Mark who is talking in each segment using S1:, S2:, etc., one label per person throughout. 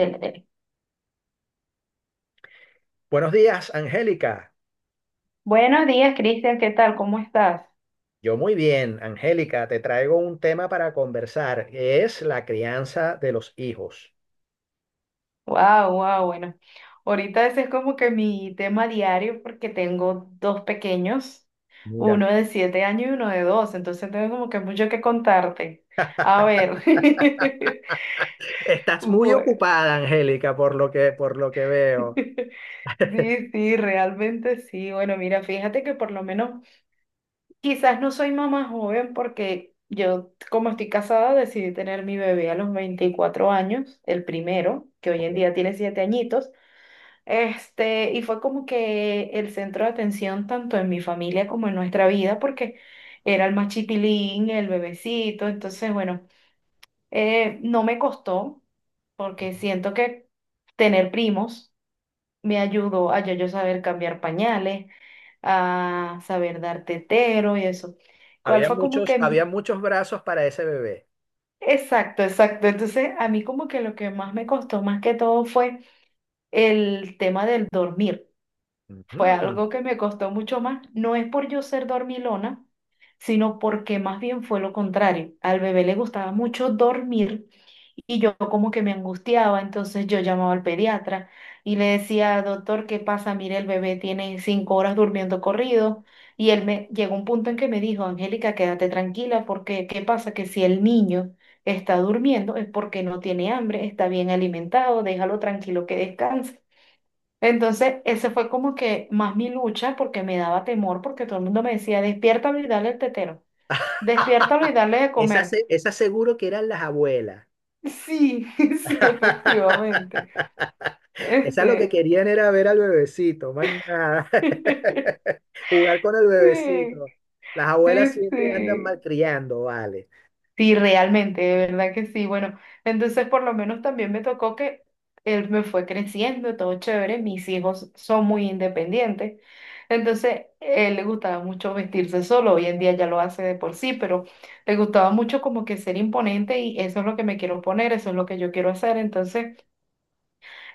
S1: Del tele.
S2: Buenos días, Angélica.
S1: Buenos días, Cristian, ¿qué tal? ¿Cómo estás?
S2: Yo muy bien, Angélica, te traigo un tema para conversar, que es la crianza de los hijos.
S1: Wow, wow, bueno. Ahorita ese es como que mi tema diario porque tengo dos pequeños,
S2: Mira,
S1: uno de 7 años y uno de dos, entonces tengo como que mucho que contarte. A ver.
S2: estás muy
S1: Bueno.
S2: ocupada, Angélica, por lo que veo.
S1: Sí, sí, realmente sí. Bueno, mira, fíjate que por lo menos, quizás no soy mamá joven porque yo, como estoy casada, decidí tener mi bebé a los 24 años, el primero, que hoy
S2: Ok.
S1: en día tiene 7 añitos. Y fue como que el centro de atención tanto en mi familia como en nuestra vida, porque era el más chiquilín, el bebecito. Entonces, bueno, no me costó, porque
S2: Ujú.
S1: siento que tener primos me ayudó a ya yo saber cambiar pañales, a saber dar tetero y eso. ¿Cuál
S2: Había
S1: fue como
S2: muchos,
S1: que
S2: había muchos brazos para ese bebé.
S1: Exacto, exacto. Entonces, a mí como que lo que más me costó más que todo fue el tema del dormir. Fue
S2: Ujú.
S1: algo que me costó mucho más. No es por yo ser dormilona, sino porque más bien fue lo contrario. Al bebé le gustaba mucho dormir. Y yo como que me angustiaba, entonces yo llamaba al pediatra y le decía, doctor, ¿qué pasa? Mire, el bebé tiene 5 horas durmiendo corrido. Y él me llegó un punto en que me dijo, Angélica, quédate tranquila porque ¿qué pasa? Que si el niño está durmiendo es porque no tiene hambre, está bien alimentado, déjalo tranquilo que descanse. Entonces, ese fue como que más mi lucha porque me daba temor porque todo el mundo me decía, despiértalo y dale el tetero, despiértalo y dale de
S2: Esa,
S1: comer.
S2: se- esa seguro que eran las abuelas.
S1: Sí, sí, efectivamente.
S2: Esa lo que
S1: Este,
S2: querían era ver al bebecito, más nada.
S1: sí,
S2: Jugar con el bebecito. Las
S1: sí,
S2: abuelas siempre andan
S1: sí,
S2: malcriando, vale.
S1: sí, realmente, de verdad que sí. Bueno, entonces por lo menos también me tocó que él me fue creciendo, todo chévere, mis hijos son muy independientes. Entonces, él le gustaba mucho vestirse solo, hoy en día ya lo hace de por sí, pero le gustaba mucho como que ser imponente y eso es lo que me quiero poner, eso es lo que yo quiero hacer. Entonces,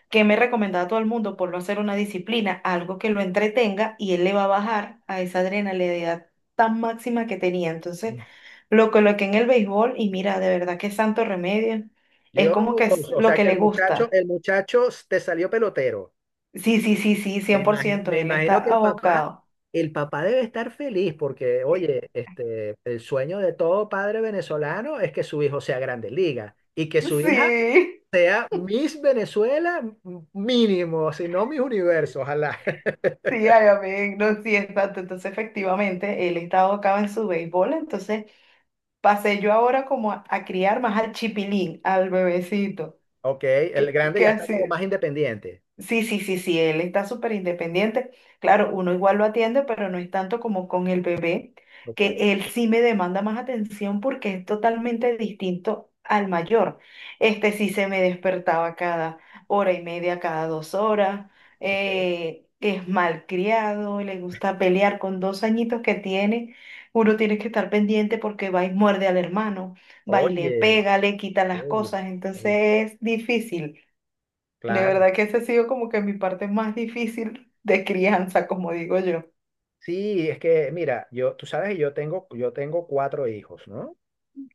S1: que me recomendaba a todo el mundo por no hacer una disciplina, algo que lo entretenga y él le va a bajar a esa adrenalina tan máxima que tenía. Entonces, lo coloqué en el béisbol y mira, de verdad que santo remedio. Es
S2: Dios,
S1: como que es
S2: o
S1: lo
S2: sea
S1: que
S2: que el
S1: le
S2: muchacho,
S1: gusta.
S2: el muchacho te salió pelotero.
S1: Sí, sí, sí, sí,
S2: Me
S1: cien por
S2: imagi-
S1: ciento
S2: me
S1: él está
S2: imagino que el papá,
S1: abocado.
S2: el papá debe estar feliz porque,
S1: Eh,
S2: oye, este, el sueño de todo padre venezolano es que su hijo sea grande liga y que su hija
S1: Sí,
S2: sea Miss Venezuela mínimo, si no Miss Universo, ojalá.
S1: sí, ay, amén, no, sí, exacto. Entonces, efectivamente, él está abocado en su béisbol, entonces pasé yo ahora como a criar más al chipilín, al bebecito,
S2: Ok, el
S1: que,
S2: grande
S1: que
S2: ya está
S1: así.
S2: como más independiente.
S1: Sí, sí, sí, sí, él está súper independiente. Claro, uno igual lo atiende, pero no es tanto como con el bebé,
S2: Ok,
S1: que él sí me demanda más atención porque es totalmente distinto al mayor. Este sí se me despertaba cada hora y media, cada 2 horas.
S2: ok.
S1: Es malcriado, le gusta pelear con 2 añitos que tiene. Uno tiene que estar pendiente porque va y muerde al hermano, va y le
S2: Oye,
S1: pega, le quita las
S2: oye,
S1: cosas,
S2: oye.
S1: entonces es difícil. De
S2: Claro.
S1: verdad que esa ha sido como que mi parte más difícil de crianza, como digo yo.
S2: Sí, es que, mira, yo, tú sabes que yo tengo cuatro hijos, ¿no?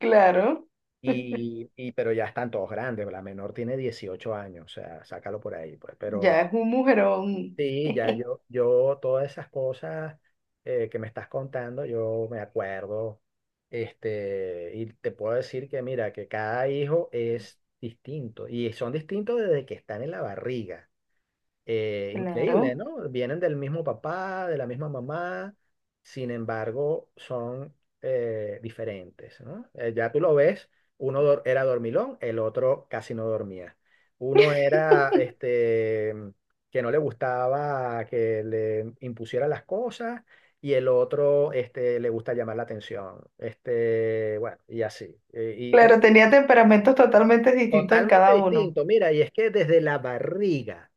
S1: Claro,
S2: Pero ya están todos grandes. La menor tiene 18 años, o sea, sácalo por ahí, pues. Pero
S1: ya es un mujerón.
S2: sí, ya todas esas cosas que me estás contando, yo me acuerdo. Este, y te puedo decir que, mira, que cada hijo es distinto. Y son distintos desde que están en la barriga. Increíble,
S1: Claro.
S2: ¿no? Vienen del mismo papá, de la misma mamá, sin embargo, son diferentes, ¿no? Ya tú lo ves, era dormilón, el otro casi no dormía. Uno era este, que no le gustaba que le impusieran las cosas y el otro este, le gusta llamar la atención. Este, bueno, y así. Eh, y tú,
S1: Claro, tenía temperamentos totalmente distintos en
S2: totalmente
S1: cada uno.
S2: distinto, mira, y es que desde la barriga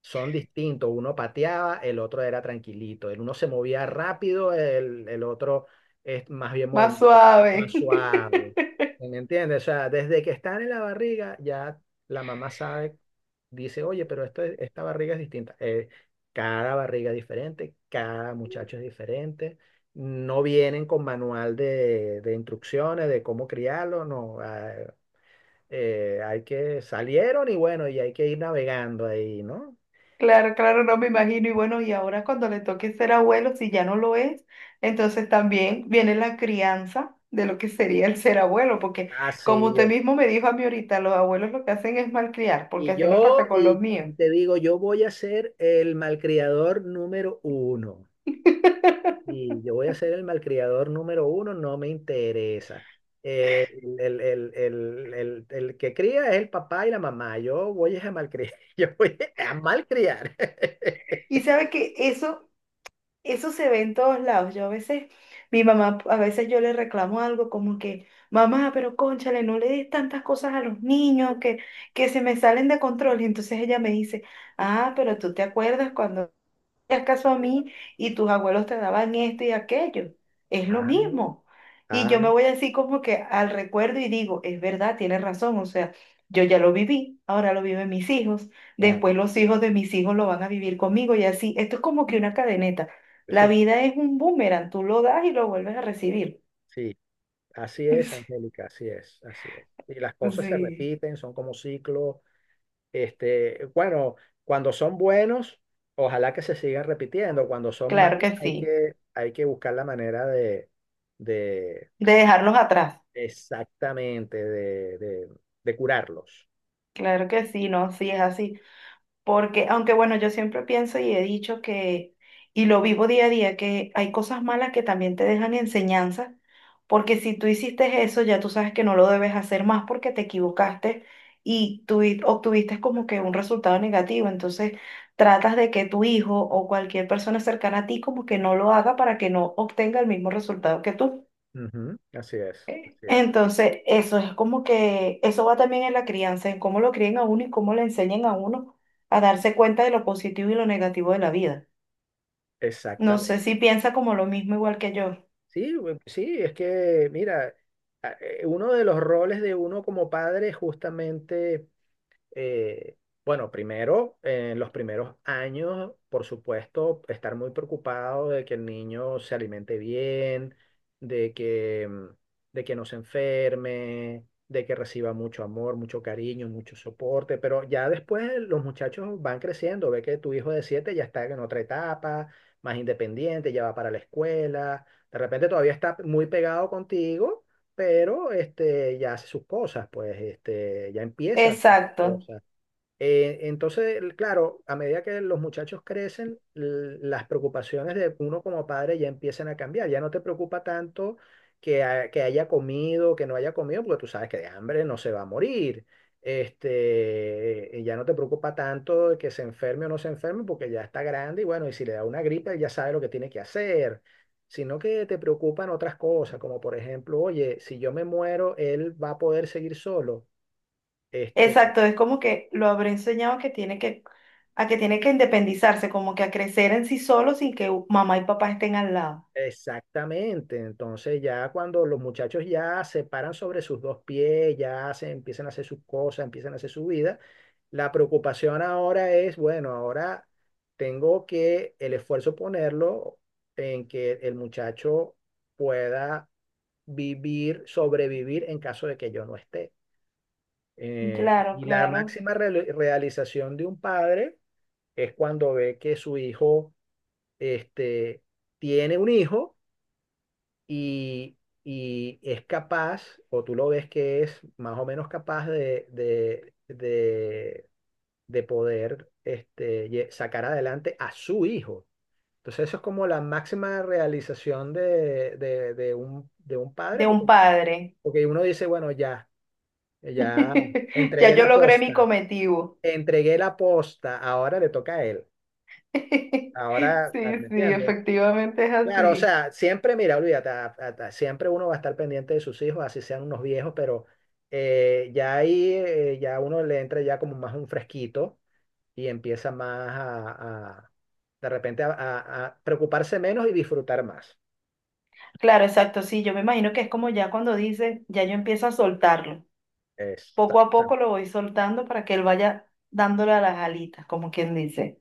S2: son distintos. Uno pateaba, el otro era tranquilito. El uno se movía rápido, el otro es más bien
S1: Más
S2: movimiento más
S1: suave.
S2: suave. ¿Sí? ¿Me entiendes? O sea, desde que están en la barriga, ya la mamá sabe, dice, oye, pero esto, esta barriga es distinta. Cada barriga es diferente, cada muchacho es diferente. No vienen con manual de instrucciones de cómo criarlo, no. Hay que salieron y bueno, y hay que ir navegando ahí, ¿no?
S1: Claro, claro, no me imagino. Y bueno, y ahora cuando le toque ser abuelo, si ya no lo es, entonces también viene la crianza de lo que sería el ser abuelo, porque
S2: Ah,
S1: como
S2: sí,
S1: usted
S2: yo.
S1: mismo me dijo a mí ahorita, los abuelos lo que hacen es malcriar, porque
S2: Y
S1: así me
S2: yo,
S1: pasa con
S2: y
S1: los míos.
S2: y te digo, yo voy a ser el malcriador número uno. Y yo voy a ser el malcriador número uno, no me interesa. Eh, el que cría es el papá y la mamá. Yo voy a malcriar. Yo voy a malcriar.
S1: Y sabe que eso se ve en todos lados. Yo a veces, mi mamá, a veces yo le reclamo algo como que, mamá, pero cónchale, no le des tantas cosas a los niños que, se me salen de control. Y entonces ella me dice, ah, pero tú te acuerdas cuando hacías caso a mí y tus abuelos te daban esto y aquello. Es lo
S2: Ah,
S1: mismo. Y yo me
S2: ah,
S1: voy así como que al recuerdo y digo, es verdad, tienes razón, o sea, yo ya lo viví, ahora lo viven mis hijos,
S2: claro.
S1: después los hijos de mis hijos lo van a vivir conmigo y así. Esto es como que una cadeneta. La
S2: Sí,
S1: vida es un boomerang, tú lo das y lo vuelves a recibir.
S2: sí. Así es, Angélica, así es, así es. Y las cosas se
S1: Sí,
S2: repiten, son como ciclos. Este, bueno, cuando son buenos, ojalá que se sigan repitiendo. Cuando son
S1: claro
S2: malos,
S1: que
S2: hay
S1: sí.
S2: que, hay que buscar la manera de
S1: De dejarlos atrás,
S2: exactamente, de curarlos.
S1: claro que sí, no, sí es así. Porque, aunque bueno, yo siempre pienso y he dicho que, y lo vivo día a día, que hay cosas malas que también te dejan enseñanza, porque si tú hiciste eso, ya tú sabes que no lo debes hacer más porque te equivocaste y tú obtuviste como que un resultado negativo. Entonces, tratas de que tu hijo o cualquier persona cercana a ti como que no lo haga para que no obtenga el mismo resultado que tú.
S2: Ujú, así es, así es,
S1: Entonces, eso es como que, eso va también en la crianza, en cómo lo críen a uno y cómo le enseñen a uno a darse cuenta de lo positivo y lo negativo de la vida. No sé
S2: exactamente.
S1: si piensa como lo mismo igual que yo.
S2: Sí, sí, es que, mira, uno de los roles de uno como padre es justamente eh, bueno, primero, en los primeros años, por supuesto, estar muy preocupado de que el niño se alimente bien, de que, mm, de que no se enferme, de que reciba mucho amor, mucho cariño, mucho soporte, pero ya después los muchachos van creciendo, ve que tu hijo de 7 ya está en otra etapa, más independiente, ya va para la escuela, de repente todavía está muy pegado contigo pero este, ya hace sus cosas, pues este, ya empieza
S1: Exacto,
S2: cosa. Entonces, claro, a medida que los muchachos crecen, las preocupaciones de uno como padre ya empiezan a cambiar. Ya no te preocupa tanto que, que haya comido, que no haya comido, porque tú sabes que de hambre no se va a morir. Este, y ya no te preocupa tanto de que se enferme o no se enferme, porque ya está grande y bueno, y si le da una gripe, ya sabe lo que tiene que hacer. Sino que te preocupan otras cosas, como por ejemplo, oye, si yo me muero, él va a poder seguir solo. este
S1: exacto. Es como que lo habré enseñado a que tiene que independizarse, como que a crecer en sí solo sin que mamá y papá estén al lado.
S2: Exactamente, entonces ya cuando los muchachos ya se paran sobre sus dos pies, ya hacen, empiezan a hacer sus cosas, empiezan a hacer su vida, la preocupación ahora es, bueno, ahora tengo que el esfuerzo ponerlo en que el muchacho pueda vivir, sobrevivir en caso de que yo no esté.
S1: Claro,
S2: Y la
S1: claro.
S2: máxima realización de un padre es cuando ve que su hijo, este, tiene un hijo y, y es capaz, o tú lo ves que es más o menos capaz de poder sacar adelante a su hijo. Entonces eso es como la máxima realización de un
S1: De
S2: padre, porque,
S1: un padre.
S2: uno dice, bueno, ya
S1: Ya
S2: entregué
S1: yo
S2: la
S1: logré
S2: posta,
S1: mi cometido.
S2: entregué la posta, ahora le toca a él.
S1: Sí, sí,
S2: Ahora, ¿me entiendes?
S1: efectivamente es
S2: Claro, o
S1: así.
S2: sea, siempre, mira, olvídate, siempre uno va a estar pendiente de sus hijos, así sean unos viejos, pero ya ahí, ya uno le entra ya como más un fresquito y empieza más de repente a preocuparse menos y disfrutar más.
S1: Claro, exacto, sí, yo me imagino que es como ya cuando dice, ya yo empiezo a soltarlo. Poco a poco
S2: Exactamente.
S1: lo voy soltando para que él vaya dándole a las alitas, como quien dice.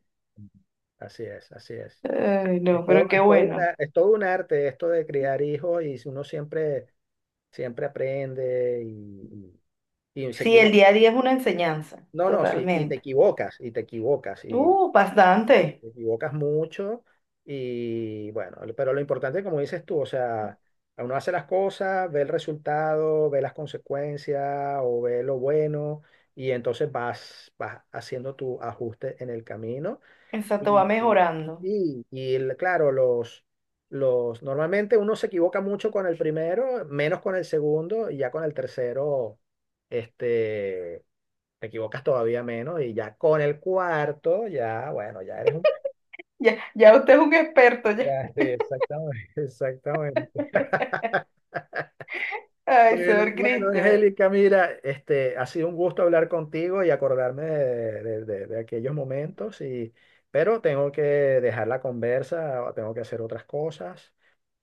S2: Así es, así es.
S1: Ay, no, pero qué bueno.
S2: Es todo un arte esto de criar hijos y uno siempre, siempre aprende y se
S1: Sí, el
S2: equivoca.
S1: día a día es una enseñanza,
S2: No, no, sí,
S1: totalmente.
S2: y
S1: Bastante.
S2: te equivocas mucho y bueno, pero lo importante, como dices tú, o sea, uno hace las cosas, ve el resultado, ve las consecuencias o ve lo bueno y entonces vas haciendo tu ajuste en el camino
S1: Exacto, va
S2: y, y,
S1: mejorando.
S2: claro, los... normalmente uno se equivoca mucho con el primero, menos con el segundo, y ya con el tercero, este, te equivocas todavía menos, y ya con el cuarto, ya, bueno, ya eres un
S1: Ya, ya usted es un experto, ya.
S2: ya, sí, exactamente, exactamente.
S1: Ay,
S2: Bueno,
S1: señor
S2: bueno,
S1: Cristian.
S2: Angélica, mira, este, ha sido un gusto hablar contigo y acordarme de aquellos momentos, pero tengo que dejar la conversa, o tengo que hacer otras cosas,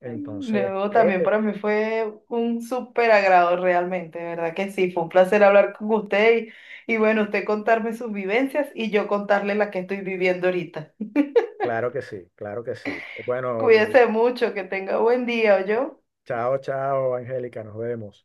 S2: entonces te
S1: No, también
S2: dejo.
S1: para mí fue un súper agrado realmente, de ¿verdad que sí? Fue un placer hablar con usted y bueno, usted contarme sus vivencias y yo contarle la que estoy viviendo ahorita.
S2: Claro que sí, claro que sí. Bueno,
S1: Cuídese mucho, que tenga buen día, yo.
S2: chao, chao, Angélica, nos vemos.